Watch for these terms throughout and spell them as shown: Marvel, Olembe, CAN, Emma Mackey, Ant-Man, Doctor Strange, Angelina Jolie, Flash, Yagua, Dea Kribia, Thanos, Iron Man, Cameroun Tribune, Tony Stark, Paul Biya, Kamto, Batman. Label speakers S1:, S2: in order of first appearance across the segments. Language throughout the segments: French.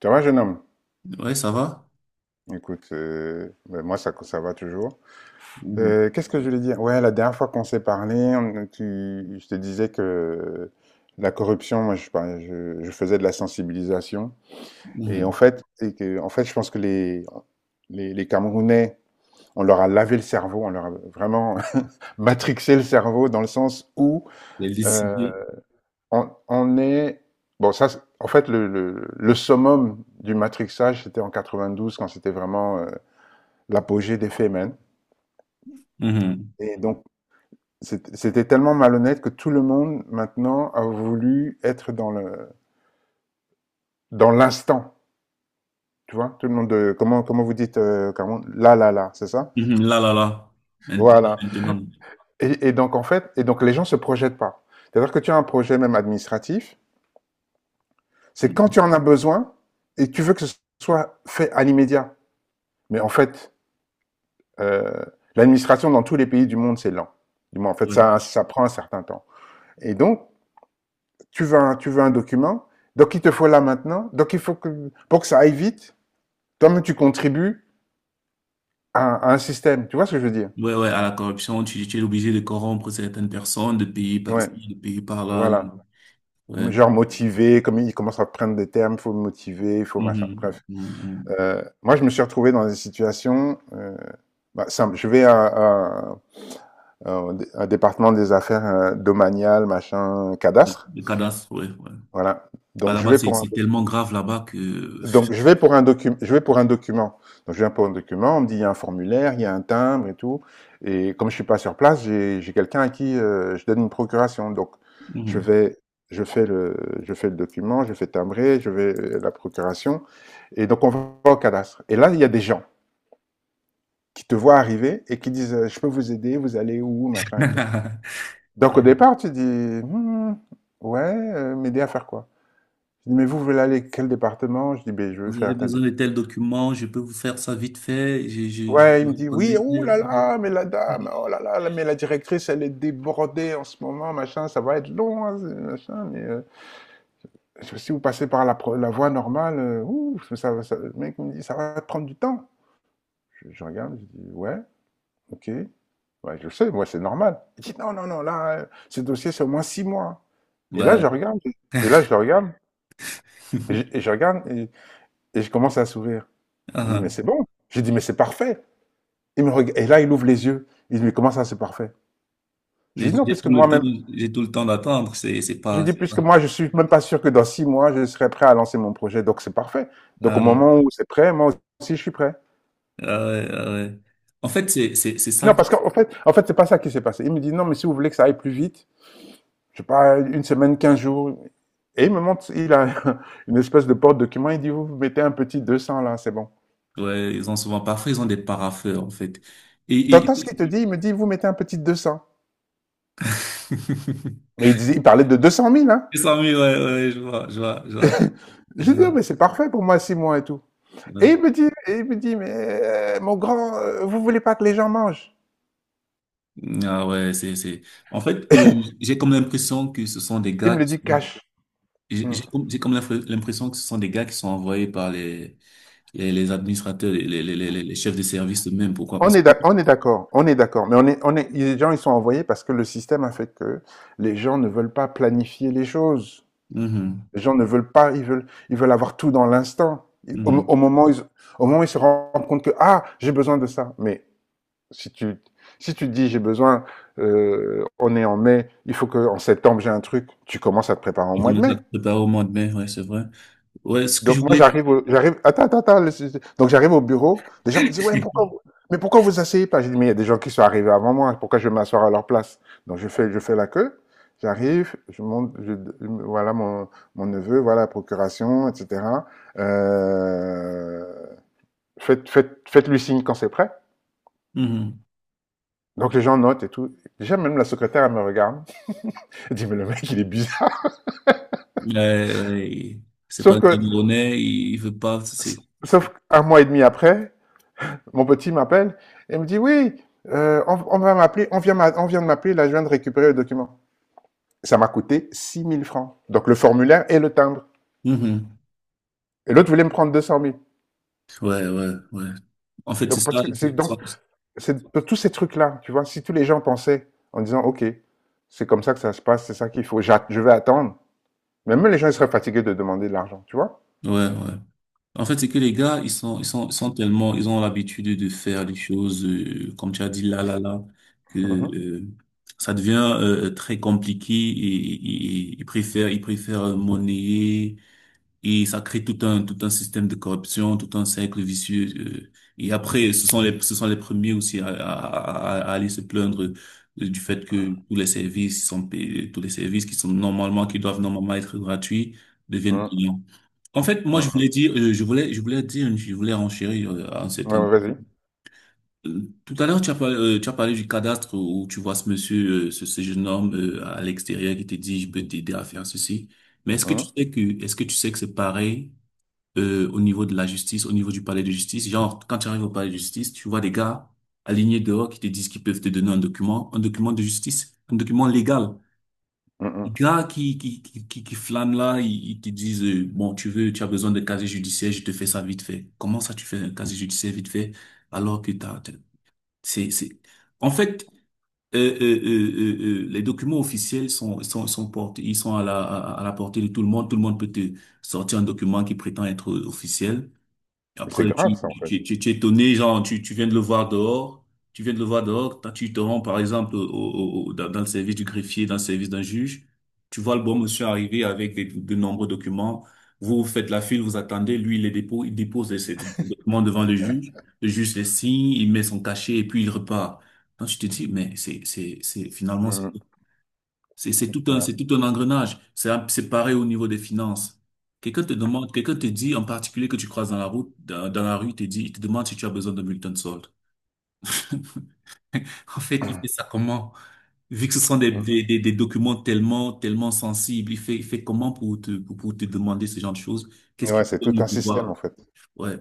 S1: Tu vois, jeune homme?
S2: Ouais, ça va?
S1: Écoute, ben, moi, ça va toujours.
S2: Mhm.
S1: Qu'est-ce que je voulais dire? Ouais, la dernière fois qu'on s'est parlé, je te disais que la corruption, moi, je faisais de la sensibilisation. Et en
S2: Mhm.
S1: fait, je pense que les Camerounais, on leur a lavé le cerveau, on leur a vraiment matrixé le cerveau dans le sens où
S2: Les
S1: euh,
S2: décidé.
S1: on est... Bon, en fait, le summum du matrixage, c'était en 92, quand c'était vraiment l'apogée des Femen.
S2: Mhm.
S1: Et donc, c'était tellement malhonnête que tout le monde maintenant a voulu être dans le dans l'instant. Tu vois, tout le monde, de comment vous dites, là, là, là, c'est ça?
S2: Mhm. Là, là, là. Maintenant,
S1: Voilà.
S2: maintenant.
S1: Et donc, en fait, les gens se projettent pas. C'est-à-dire que tu as un projet même administratif, c'est quand
S2: Mhm.
S1: tu en as besoin et tu veux que ce soit fait à l'immédiat. Mais en fait, euh, l'administration dans tous les pays du monde, c'est lent. Du moins, en fait,
S2: Ouais.
S1: ça prend un certain temps. Et donc, tu veux un document, donc il te faut là maintenant, donc il faut que, pour que ça aille vite, toi-même tu contribues à un système, tu vois ce que je veux dire?
S2: Ouais, ouais, à la corruption, tu es obligé de corrompre certaines personnes, de payer par-ci,
S1: Ouais,
S2: de payer par-là
S1: voilà.
S2: ouais.
S1: Genre motivé, comme il commence à prendre des termes, il faut motiver, il faut
S2: Mhm.
S1: machin, bref.
S2: Mhm. Mhm.
S1: Moi, je me suis retrouvé dans des situations, bah, simple. Je vais un département des affaires domaniales, machin,
S2: Le,
S1: cadastre,
S2: le cadastre, ouais, ouais.
S1: voilà.
S2: Bah,
S1: Donc je
S2: là-bas,
S1: vais
S2: c'est
S1: pour un
S2: c'est tellement grave là-bas que...
S1: donc je vais pour un document, Donc je viens pour un document, on me dit il y a un formulaire, il y a un timbre et tout. Et comme je suis pas sur place, j'ai quelqu'un à qui je donne une procuration. Donc je
S2: Mhm.
S1: vais, je fais le, je fais le document, je fais timbrer, je vais la procuration. Et donc on va au cadastre. Et là il y a des gens qui te voient arriver et qui disent je peux vous aider, vous allez où, machin et tout. Donc au départ tu dis Hmm, ouais, m'aider à faire quoi? Je dis mais vous voulez aller à quel département? Je dis ben je veux
S2: Vous avez
S1: faire tel
S2: besoin de
S1: document.
S2: tels documents, je peux vous faire ça vite fait. Je
S1: Ouais, il
S2: vous
S1: me dit, oui,
S2: reconnais.
S1: oh là là, mais la dame, oh là là, mais la directrice, elle est débordée en ce moment, machin, ça va être long, hein, machin, mais si vous passez par la voie normale, ouh, ça, va- ça- le mec me dit, ça va prendre du temps. Je regarde, je dis, ouais, ok, ouais, je le sais, moi, c'est normal. Il dit, non, non, non, là, ce dossier, c'est au moins 6 mois. Et là,
S2: Ouais.
S1: je regarde, et là, je le regarde, et je, et je regarde, et je commence à sourire.
S2: Ah,
S1: Je dis, mais c'est
S2: ah.
S1: bon. Je dis, mais c'est parfait. Et là, il ouvre les yeux. Il dit, mais comment ça, c'est parfait? J'ai
S2: J'ai
S1: dit non,
S2: j'ai
S1: puisque
S2: tout le temps,
S1: moi-même,
S2: j'ai tout le temps d'attendre. C'est
S1: j'ai
S2: pas.
S1: dit
S2: C'est pas-
S1: puisque moi, je suis même pas sûr que dans 6 mois, je serai prêt à lancer mon projet. Donc, c'est parfait. Donc,
S2: Ah
S1: au
S2: ouais,
S1: moment où c'est prêt, moi aussi, je suis prêt.
S2: ah ouais, ah ouais. En fait, c'est
S1: Non,
S2: ça.
S1: parce qu'en fait, c'est pas ça qui s'est passé. Il me dit non, mais si vous voulez que ça aille plus vite, je sais pas, une semaine, 15 jours. Et il me montre, il a une espèce de porte-document. Il dit, vous mettez un petit 200 là, c'est bon.
S2: Ouais, ils ont souvent pas, parfois ils ont des paraffeurs en fait. Et,
S1: T'entends ce
S2: et...
S1: qu'il te dit? Il me dit, vous mettez un petit 200. Mais il parlait de 200 000, hein.
S2: C'est ça, oui, ouais, ouais, je vois, je vois, je
S1: J'ai dit, oh, mais
S2: vois.
S1: c'est parfait pour moi, 6 mois et tout. Et
S2: Ouais.
S1: il me dit, mais mon grand, vous voulez pas que les gens mangent?
S2: Ah ouais, c'est, c'est. En fait, j'ai comme l'impression que ce sont des
S1: Il
S2: gars
S1: me le
S2: qui
S1: dit
S2: sont.
S1: cash.
S2: J'ai
S1: Mm.
S2: j'ai comme j'ai comme l'infre- l'impression que ce sont des gars qui sont envoyés par les administrateurs, les chefs de service eux-mêmes. Pourquoi? Parce que
S1: On est d'accord, mais les gens ils sont envoyés parce que le système a fait que les gens ne veulent pas planifier les choses.
S2: mhm.
S1: Les gens ne veulent pas, ils veulent avoir tout dans l'instant. Ils- Au,
S2: Mhm.
S1: au moment, où ils, au moment où ils se rendent compte que ah j'ai besoin de ça. Mais si tu, si tu dis j'ai besoin, on est en mai, il faut que en septembre j'ai un truc. Tu commences à te préparer au
S2: Je
S1: mois de
S2: commence à
S1: mai.
S2: préparer au mois de mai, ouais, c'est vrai. Ouais, ce que je
S1: Donc moi
S2: voulais.
S1: j'arrive, attends, attends, attends. Donc j'arrive au bureau, les gens me disent, ouais, mais pourquoi vous asseyez pas? J'ai dit, mais il y a des gens qui sont arrivés avant moi, pourquoi je vais m'asseoir à leur place? Donc je fais la queue, j'arrive, je monte, voilà mon neveu, voilà la procuration, etc. Euh, Faites-lui signe quand c'est prêt.
S2: Mhm.
S1: Donc les gens notent et tout. Déjà même la secrétaire elle me regarde, elle dit, mais le mec il est bizarre.
S2: Ouais, ouais, c'est pas
S1: Sauf
S2: le
S1: que,
S2: Camerounais, il veut pas. C'est...
S1: sauf qu'un mois et demi après, mon petit m'appelle et me dit oui, on va m'appeler, on vient de m'appeler, là je viens de récupérer le document. Ça m'a coûté 6 000 francs. Donc le formulaire et le timbre.
S2: Mhm.
S1: Et l'autre voulait me prendre 200 000.
S2: Ouais, ouais, ouais. En fait, c'est
S1: Donc parce
S2: ça.
S1: que c'est donc c'est tous ces trucs là, tu vois, si tous les gens pensaient en disant ok, c'est comme ça que ça se passe, c'est ça qu'il faut, je vais attendre. Même les gens ils seraient fatigués de demander de l'argent, tu vois.
S2: Ouais, ouais. En fait, c'est que les gars, ils sont tellement, ils ont l'habitude de faire des choses, comme tu as dit, là, là, là, que
S1: Mhm.
S2: euh, ça devient très compliqué et ils préfèrent monnayer. Et ça crée tout un système de corruption, tout un cercle vicieux. Et après, ce sont les premiers aussi à, à aller se plaindre du fait que tous les services sont payés, tous les services qui sont normalement, qui doivent normalement être gratuits, deviennent
S1: Mhm.
S2: payants. En fait, moi, je
S1: Mhm.
S2: voulais dire, je voulais dire, je voulais renchérir à un
S1: Ouais,
S2: certain.
S1: ouais, vas-y.
S2: Tout à l'heure, tu as parlé du cadastre où tu vois ce monsieur, ce, ce jeune homme à l'extérieur qui te dit, je peux t'aider à faire ceci. Mais est-ce que tu
S1: Mhm.
S2: sais que, est-ce que tu sais que c'est pareil? Au niveau de la justice, au niveau du palais de justice. Genre, quand tu arrives au palais de justice, tu vois des gars alignés dehors qui te disent qu'ils peuvent te donner un document de justice, un document légal. Les
S1: Mhm.
S2: gars qui flânent là, ils te disent, bon, tu veux, tu as besoin de casier judiciaire, je te fais ça vite fait. Comment ça, tu fais un casier judiciaire vite fait, alors que c'est, c'est, en fait, les documents officiels sont portés, ils sont à la, à la portée de tout le monde. Tout le monde peut te sortir un document qui prétend être officiel.
S1: Mais c'est
S2: Après,
S1: grave ça en fait.
S2: tu es étonné, genre, tu viens de le voir dehors, tu viens de le voir dehors, tu te rends, par exemple, dans, dans le service du greffier, dans le service d'un juge, tu vois le bon monsieur arriver avec des, de nombreux documents, vous, vous faites la file, vous attendez, lui, il les dépose, il dépose ces documents devant le juge les signe, il met son cachet et puis il repart. Donc, tu te dis, mais c'est, finalement,
S1: Mhm. Ouais.
S2: c'est tout un engrenage. C'est pareil au niveau des finances. Quelqu'un te demande, quelqu'un te dit en particulier que tu croises dans la route, dans la rue, il te dit, il te demande si tu as besoin d'un bulletin de solde. En fait, il fait ça comment? Vu que ce sont
S1: Mhm.
S2: des, des documents tellement, tellement sensibles, il fait comment pour te demander ce genre de choses? Qu'est-ce
S1: Ouais,
S2: qui
S1: c'est tout
S2: donne le
S1: un système
S2: pouvoir?
S1: en fait.
S2: Ouais,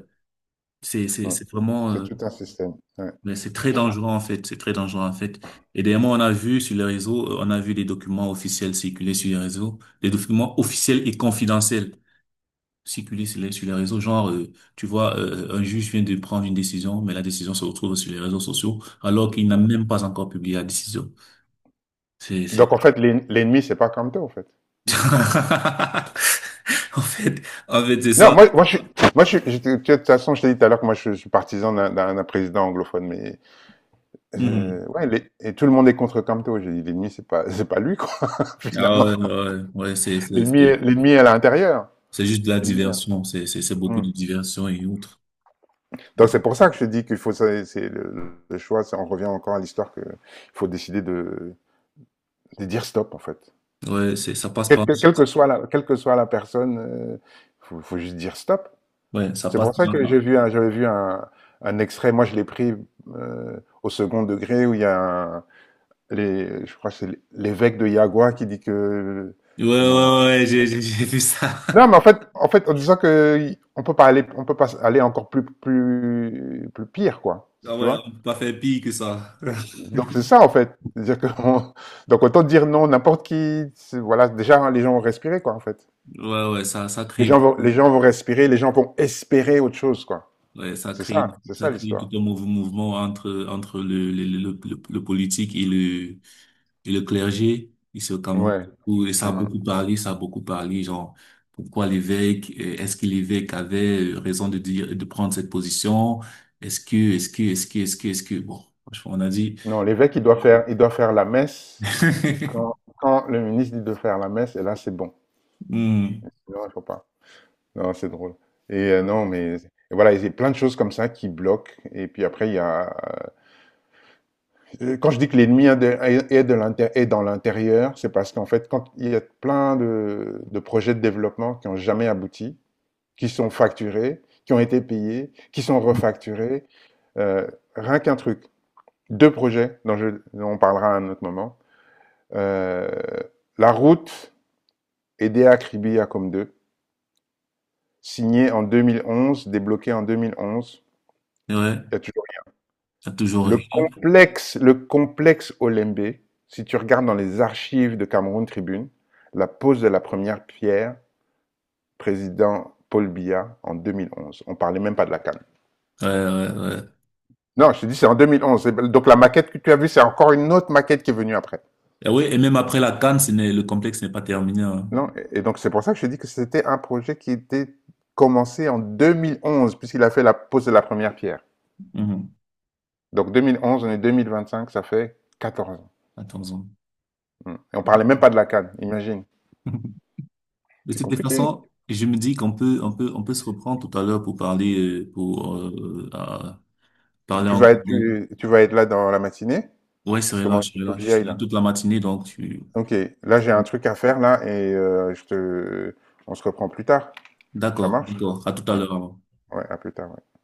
S1: Mhm.
S2: c'est vraiment,
S1: C'est tout un système. Ouais.
S2: mais c'est très dangereux en fait, c'est très dangereux en fait. Et dernièrement, on a vu sur les réseaux, on a vu des documents officiels circuler sur les réseaux, des documents officiels et confidentiels circuler sur les réseaux. Genre, tu vois, un juge vient de prendre une décision, mais la décision se retrouve sur les réseaux sociaux, alors qu'il n'a
S1: Mm.
S2: même pas encore publié la décision.
S1: Donc
S2: C'est...
S1: en fait, l'ennemi, c'est pas Kamto, en fait.
S2: En fait, c'est
S1: Non,
S2: ça.
S1: je suis, moi, je suis, je- tu vois, de toute façon, je t'ai dit tout à l'heure que moi, je suis partisan d'un président anglophone, mais
S2: Mhm.
S1: ouais, et tout le monde est contre Kamto. J'ai dit, l'ennemi, c'est pas lui, quoi,
S2: Ah
S1: finalement.
S2: ouais, ouais, ouais, ouais,
S1: L'ennemi, est- l'ennemi est à l'intérieur.
S2: c'est juste de la
S1: L'ennemi
S2: diversion, c'est beaucoup
S1: Mm.
S2: de diversion et autres.
S1: Donc c'est pour ça que je dis qu'il faut, c'est le choix. On revient encore à l'histoire que il faut décider de dire stop, en fait.
S2: Ouais, c'est, ça passe pas.
S1: Quelle que soit la personne, faut juste dire stop.
S2: Ouais, ça
S1: C'est
S2: passe
S1: pour ça que
S2: pas.
S1: j'avais vu un extrait, moi je l'ai pris au second degré, où il y a je crois que c'est l'évêque de Yagua qui dit que...
S2: Ouais,
S1: Comment...
S2: ouais, ouais, j'ai, j'ai vu ça.
S1: Non, mais en fait, en disant que on peut pas aller encore plus, plus, plus pire, quoi.
S2: Ah
S1: Tu
S2: ouais, on
S1: vois?
S2: peut pas faire pire que ça.
S1: Donc c'est ça, en fait. C'est-à-dire que donc autant dire non, n'importe qui, voilà, déjà hein, les gens vont respirer, quoi, en fait.
S2: Ouais, ouais, ça crée,
S1: Les gens vont respirer, les gens vont espérer autre chose, quoi.
S2: ouais,
S1: C'est ça
S2: ça crée
S1: l'histoire.
S2: tout un mouvement entre, entre le, le politique et le clergé, ici au Cameroun.
S1: Ouais.
S2: Où, et ça a
S1: Mhm.
S2: beaucoup parlé, ça a beaucoup parlé, genre, pourquoi l'évêque, est-ce que l'évêque avait raison de dire, de prendre cette position? Est-ce que, bon, franchement, on a dit.
S1: Non, l'évêque, il doit faire la messe quand, quand le ministre dit de faire la messe, et là, c'est bon.
S2: Hmm.
S1: Non, il faut pas. Non, c'est drôle. Et non, mais et voilà, il y a plein de choses comme ça qui bloquent. Et puis après, il y a quand je dis que l'ennemi est, de- est- est de l'inté- est dans l'intérieur, c'est parce qu'en fait, quand il y a plein de projets de développement qui n'ont jamais abouti, qui sont facturés, qui ont été payés, qui sont refacturés, euh, rien qu'un truc, deux projets dont on parlera à un autre moment euh, la route et Dea Kribia comme deux, signé en 2011, débloqué en 2011.
S2: Ouais,
S1: Il y a toujours
S2: t'as toujours rien.
S1: le complexe Olembe. Si tu regardes dans les archives de Cameroun Tribune, la pose de la première pierre, président Paul Biya en 2011. On ne parlait même pas de la canne.
S2: Ouais, ouais, ouais.
S1: Non, je te dis, c'est en 2011. Donc la maquette que tu as vue, c'est encore une autre maquette qui est venue après.
S2: Et oui, et même après la CAN, ce n'est, le complexe n'est pas terminé. Hein.
S1: Non, et donc c'est pour ça que je te dis que c'était un projet qui était commencé en 2011, puisqu'il a fait la pose de la première pierre.
S2: Mhm.
S1: Donc 2011, on est 2025, ça fait 14 ans.
S2: Attends-en.
S1: Mm. Et on parlait même pas de la CAN. Imagine.
S2: De
S1: C'est
S2: toute
S1: compliqué.
S2: façon, je me dis qu'on peut, on peut, on peut se reprendre tout à l'heure pour
S1: Tu,
S2: parler
S1: tu vas
S2: encore.
S1: être, tu, tu vas être là dans la matinée,
S2: Ouais, c'est
S1: parce que moi
S2: relâche,
S1: aussi, il faut que
S2: relâche. Je
S1: j'y aille
S2: suis là
S1: là.
S2: toute la matinée, donc tu...
S1: Ok, là j'ai un truc à faire là et on se reprend plus tard. Ça
S2: D'accord,
S1: marche?
S2: d'accord. À tout à
S1: Ouais,
S2: l'heure. Alors.
S1: ouais, à plus tard. Ouais.